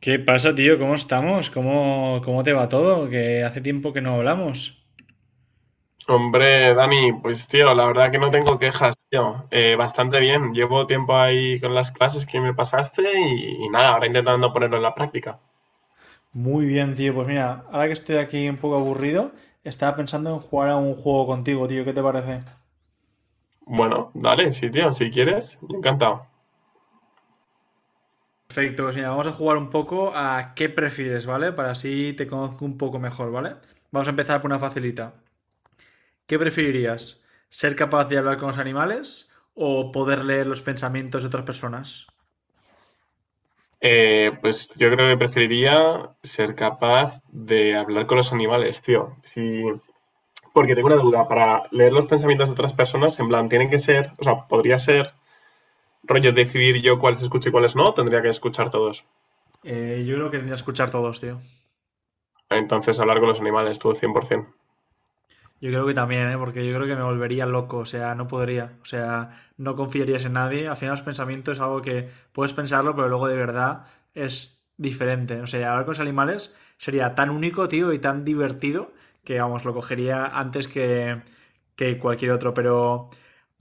¿Qué pasa, tío? ¿Cómo estamos? ¿Cómo te va todo? Que hace tiempo que no hablamos. Hombre, Dani, pues tío, la verdad que no tengo quejas, tío. Bastante bien. Llevo tiempo ahí con las clases que me pasaste y nada, ahora intentando ponerlo en la práctica. Muy bien, tío. Pues mira, ahora que estoy aquí un poco aburrido, estaba pensando en jugar a un juego contigo, tío. ¿Qué te parece? Bueno, dale, sí, tío, si quieres, yo encantado. Perfecto, pues mira, vamos a jugar un poco a qué prefieres, ¿vale? Para así te conozco un poco mejor, ¿vale? Vamos a empezar por una facilita. ¿Qué preferirías? ¿Ser capaz de hablar con los animales o poder leer los pensamientos de otras personas? Pues yo creo que preferiría ser capaz de hablar con los animales, tío. Sí, porque tengo una duda, para leer los pensamientos de otras personas, en plan, tienen que ser, o sea, podría ser rollo decidir yo cuáles escucho y cuáles no, o tendría que escuchar todos. Yo creo que tendría que escuchar todos, tío. Entonces hablar con los animales, tú, 100%. Yo creo que también, ¿eh?, porque yo creo que me volvería loco, o sea, no podría, o sea, no confiarías en nadie. Al final los pensamientos es algo que puedes pensarlo, pero luego de verdad es diferente. O sea, hablar con los animales sería tan único, tío, y tan divertido que, vamos, lo cogería antes que cualquier otro. Pero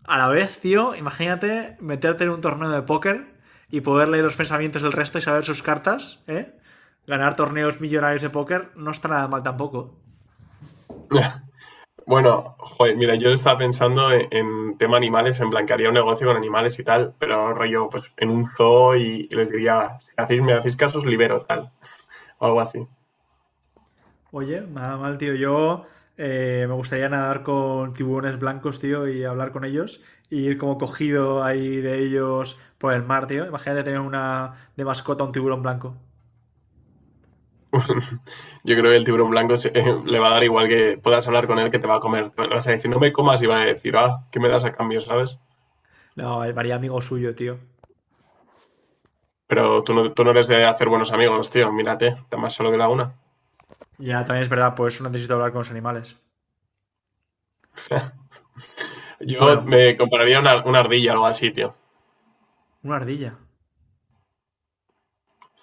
a la vez, tío, imagínate meterte en un torneo de póker y poder leer los pensamientos del resto y saber sus cartas, ¿eh? Ganar torneos millonarios de póker no está nada mal tampoco. Bueno, joder, mira, yo estaba pensando en tema animales, en plan que haría un negocio con animales y tal, pero rollo, pues en un zoo y les diría, si hacéis, me hacéis caso, os libero, tal, o algo así. Oye, nada mal, tío. Yo me gustaría nadar con tiburones blancos, tío, y hablar con ellos. Y ir como cogido ahí de ellos por el mar, tío. Imagínate tener una de mascota un tiburón blanco. Yo creo que el tiburón blanco le va a dar igual que puedas hablar con él que te va a comer. Le vas a decir, no me comas, y va a decir, ah, ¿qué me das a cambio, sabes? No, me haría amigo suyo, tío. Pero tú no eres de hacer buenos amigos, tío, mírate, está más solo que la una. Ya, también es verdad, pues no necesito hablar con los animales. Yo Bueno, me compraría una ardilla o algo así, tío. una ardilla.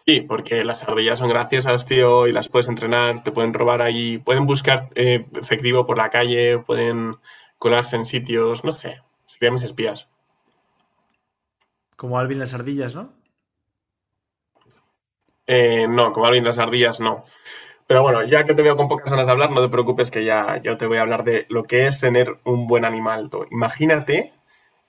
Sí, porque las ardillas son graciosas, tío, y las puedes entrenar, te pueden robar ahí, pueden buscar efectivo por la calle, pueden colarse en sitios, no sé, serían mis espías. Como Alvin las ardillas, ¿no? No, como alguien de las ardillas, no. Pero bueno, ya que te veo con pocas ganas de hablar, no te preocupes que ya yo te voy a hablar de lo que es tener un buen animal. Tú. Imagínate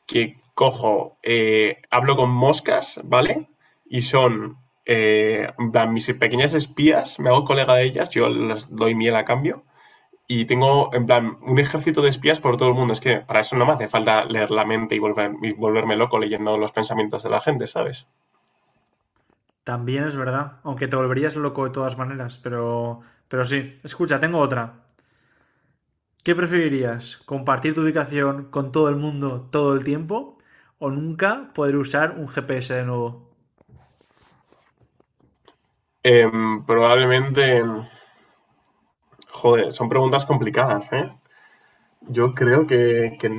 que hablo con moscas, ¿vale? Y son en plan, mis pequeñas espías, me hago colega de ellas, yo les doy miel a cambio. Y tengo, en plan, un ejército de espías por todo el mundo. Es que para eso no me hace falta leer la mente y volverme loco leyendo los pensamientos de la gente, ¿sabes? También es verdad. Aunque te volverías loco de todas maneras, pero... Pero sí. Escucha, tengo otra. ¿Qué preferirías? ¿Compartir tu ubicación con todo el mundo todo el tiempo? ¿O nunca poder usar un GPS de nuevo? Eh, Probablemente, joder, son preguntas complicadas, ¿eh? Yo creo que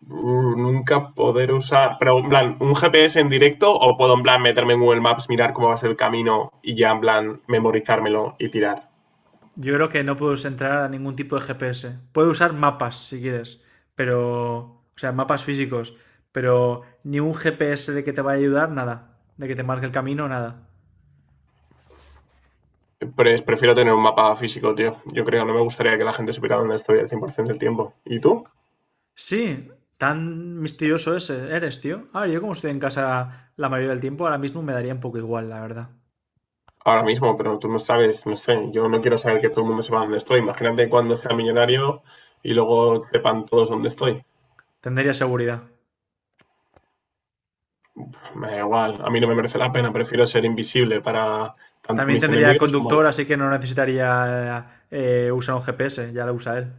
nunca poder usar, pero en plan, un GPS en directo o puedo en plan meterme en Google Maps, mirar cómo va a ser el camino y ya en plan memorizármelo y tirar. Yo creo que no puedes entrar a ningún tipo de GPS. Puedes usar mapas si quieres, pero... O sea, mapas físicos, pero ni un GPS de que te vaya a ayudar, nada. De que te marque el camino, nada. Pero prefiero tener un mapa físico, tío. Yo creo, no me gustaría que la gente supiera dónde estoy al 100% del tiempo. ¿Y tú? Sí, tan misterioso ese eres, tío. A ver, yo como estoy en casa la mayoría del tiempo, ahora mismo me daría un poco igual, la verdad. Ahora mismo, pero tú no sabes, no sé, yo no quiero saber que todo el mundo sepa dónde estoy. Imagínate cuando sea millonario y luego sepan todos dónde estoy. Tendría seguridad. Me da igual, a mí no me merece la pena, prefiero ser invisible para tanto También mis tendría enemigos como conductor, los. así que no necesitaría usar un GPS, ya lo usa él.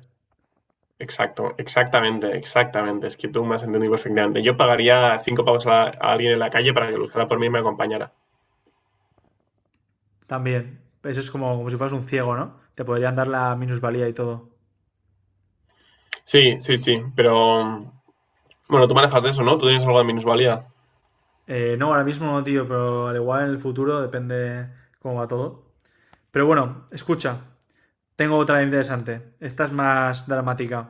Exacto, exactamente, exactamente. Es que tú me has entendido perfectamente. Yo pagaría 5 pavos a alguien en la calle para que lo usara por mí y me acompañara. También. Eso es como, como si fueras un ciego, ¿no? Te podrían dar la minusvalía y todo. Sí, sí, sí, pero bueno, tú manejas de eso, ¿no? Tú tienes algo de minusvalía. No, ahora mismo no, tío, pero al igual en el futuro depende cómo va todo. Pero bueno, escucha, tengo otra interesante. Esta es más dramática.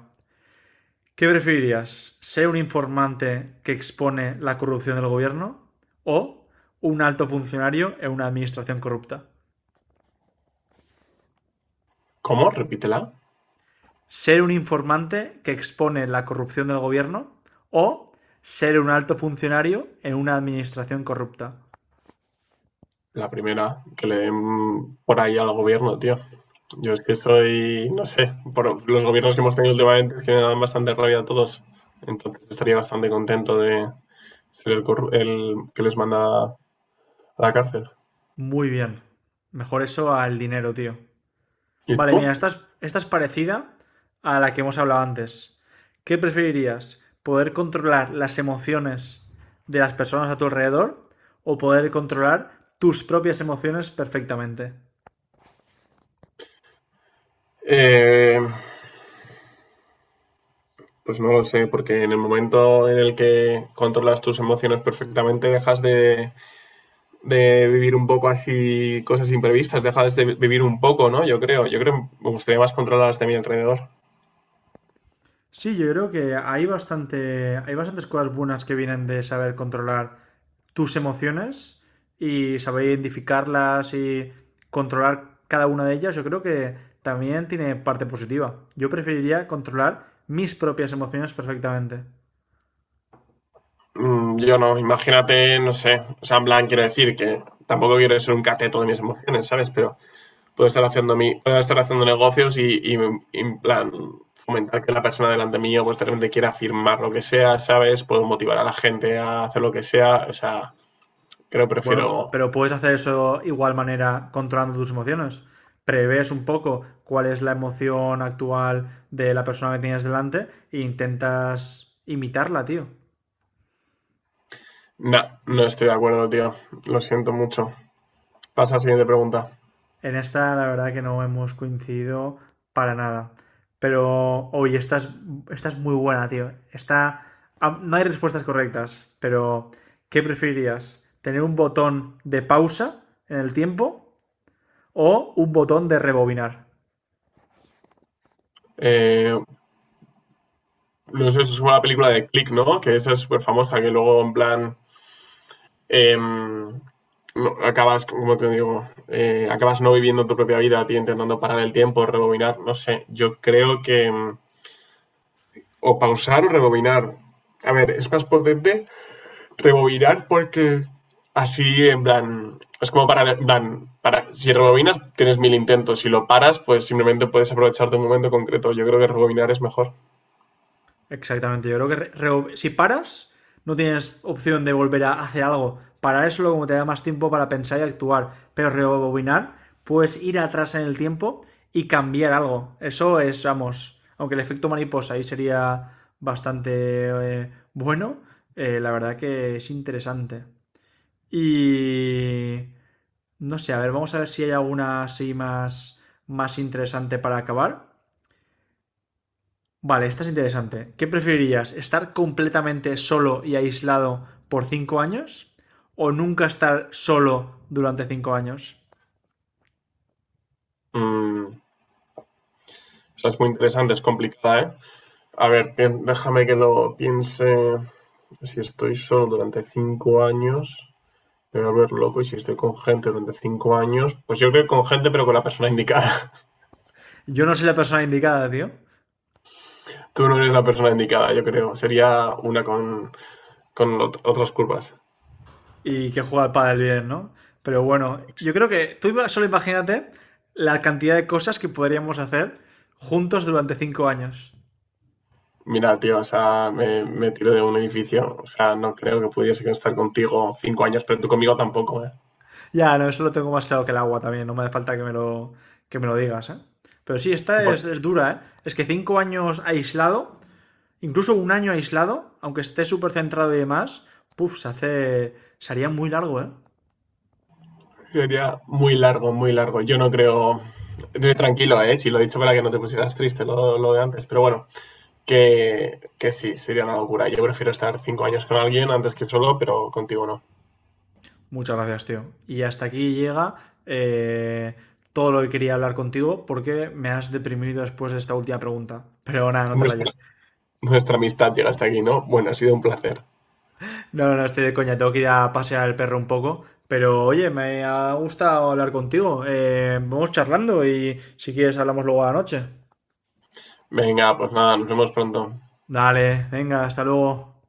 ¿Qué preferirías? ¿Ser un informante que expone la corrupción del gobierno o un alto funcionario en una administración corrupta? ¿Cómo? Repítela. Ser un informante que expone la corrupción del gobierno o ser un alto funcionario en una administración corrupta. La primera, que le den por ahí al gobierno, tío. Yo es que soy, no sé, por los gobiernos que hemos tenido últimamente es que me dan bastante rabia a todos. Entonces estaría bastante contento de ser el que les manda a la cárcel. Muy bien. Mejor eso al dinero, tío. ¿Y Vale, tú? mira, esta es parecida a la que hemos hablado antes. ¿Qué preferirías? ¿Poder controlar las emociones de las personas a tu alrededor o poder controlar tus propias emociones perfectamente? Eh, pues no lo sé, porque en el momento en el que controlas tus emociones perfectamente, dejas de vivir un poco así cosas imprevistas, dejas de vivir un poco, ¿no? Yo creo que me gustaría más controlar las de mi alrededor. Sí, yo creo que hay bastantes cosas buenas que vienen de saber controlar tus emociones y saber identificarlas y controlar cada una de ellas. Yo creo que también tiene parte positiva. Yo preferiría controlar mis propias emociones perfectamente. Yo no, imagínate, no sé, o sea, en plan, quiero decir que tampoco quiero ser un cateto de mis emociones, ¿sabes? Pero puedo estar haciendo negocios en plan fomentar que la persona delante mío pues de repente quiera firmar lo que sea, ¿sabes? Puedo motivar a la gente a hacer lo que sea, o sea, creo que Bueno, prefiero. pero puedes hacer eso igual manera controlando tus emociones. Prevés un poco cuál es la emoción actual de la persona que tienes delante e intentas imitarla, tío. No, no estoy de acuerdo, tío, lo siento mucho. Pasa a la siguiente pregunta. En esta la verdad que no hemos coincidido para nada. Pero, oye, esta es muy buena, tío. Esta, ah, no hay respuestas correctas, pero ¿qué preferirías? ¿Tener un botón de pausa en el tiempo o un botón de rebobinar? Eh, no sé, eso es como la película de Click, ¿no? Que esa es súper famosa, que luego en plan no, acabas, como te digo, acabas no viviendo tu propia vida, ti intentando parar el tiempo, rebobinar, no sé, yo creo que o pausar o rebobinar. A ver, es más potente rebobinar porque así, en plan, es como para, en plan, si rebobinas tienes mil intentos, si lo paras, pues simplemente puedes aprovechar de un momento concreto. Yo creo que rebobinar es mejor. Exactamente, yo creo que si paras, no tienes opción de volver a hacer algo. Parar es solo como te da más tiempo para pensar y actuar, pero rebobinar, puedes ir atrás en el tiempo y cambiar algo. Eso es, vamos, aunque el efecto mariposa ahí sería bastante bueno, la verdad que es interesante. Y... No sé, a ver, vamos a ver si hay alguna así más interesante para acabar. Vale, esta es interesante. ¿Qué preferirías? ¿Estar completamente solo y aislado por 5 años? ¿O nunca estar solo durante 5 años? O sea, es muy interesante, es complicada, ¿eh? A ver, déjame que lo piense. Si estoy solo durante 5 años, me voy a volver loco. Y si estoy con gente durante 5 años, pues yo creo que con gente, pero con la persona indicada. Yo no soy la persona indicada, tío. Tú no eres la persona indicada, yo creo. Sería una con otras curvas. Y que juega al pádel bien, ¿no? Pero bueno, Ex- yo creo que tú iba- solo imagínate la cantidad de cosas que podríamos hacer juntos durante 5 años. Mira, tío, o sea, me tiro de un edificio. O sea, no creo que pudiese estar contigo 5 años, pero tú conmigo tampoco, ¿eh? Ya, no, eso lo tengo más claro que el agua también. No me hace falta que me lo digas, ¿eh? Pero sí, esta Bueno, es dura, ¿eh? Es que 5 años aislado. Incluso un año aislado, aunque esté súper centrado y demás, puff, se hace. Se haría muy largo, ¿eh? sería muy largo, muy largo. Yo no creo. Estoy tranquilo, ¿eh? Si lo he dicho para que no te pusieras triste lo de antes, pero bueno. Que sería una locura. Yo prefiero estar 5 años con alguien antes que solo, pero contigo no. Muchas gracias, tío. Y hasta aquí llega eh, todo lo que quería hablar contigo porque me has deprimido después de esta última pregunta. Pero nada, no te Nuestra, rayes. nuestra amistad llega hasta aquí, ¿no? Bueno, ha sido un placer. No, no, estoy de coña. Tengo que ir a pasear al perro un poco. Pero oye, me ha gustado hablar contigo. Vamos charlando y si quieres hablamos luego a la noche. Venga, pues nada, nos vemos pronto. Dale, venga, hasta luego.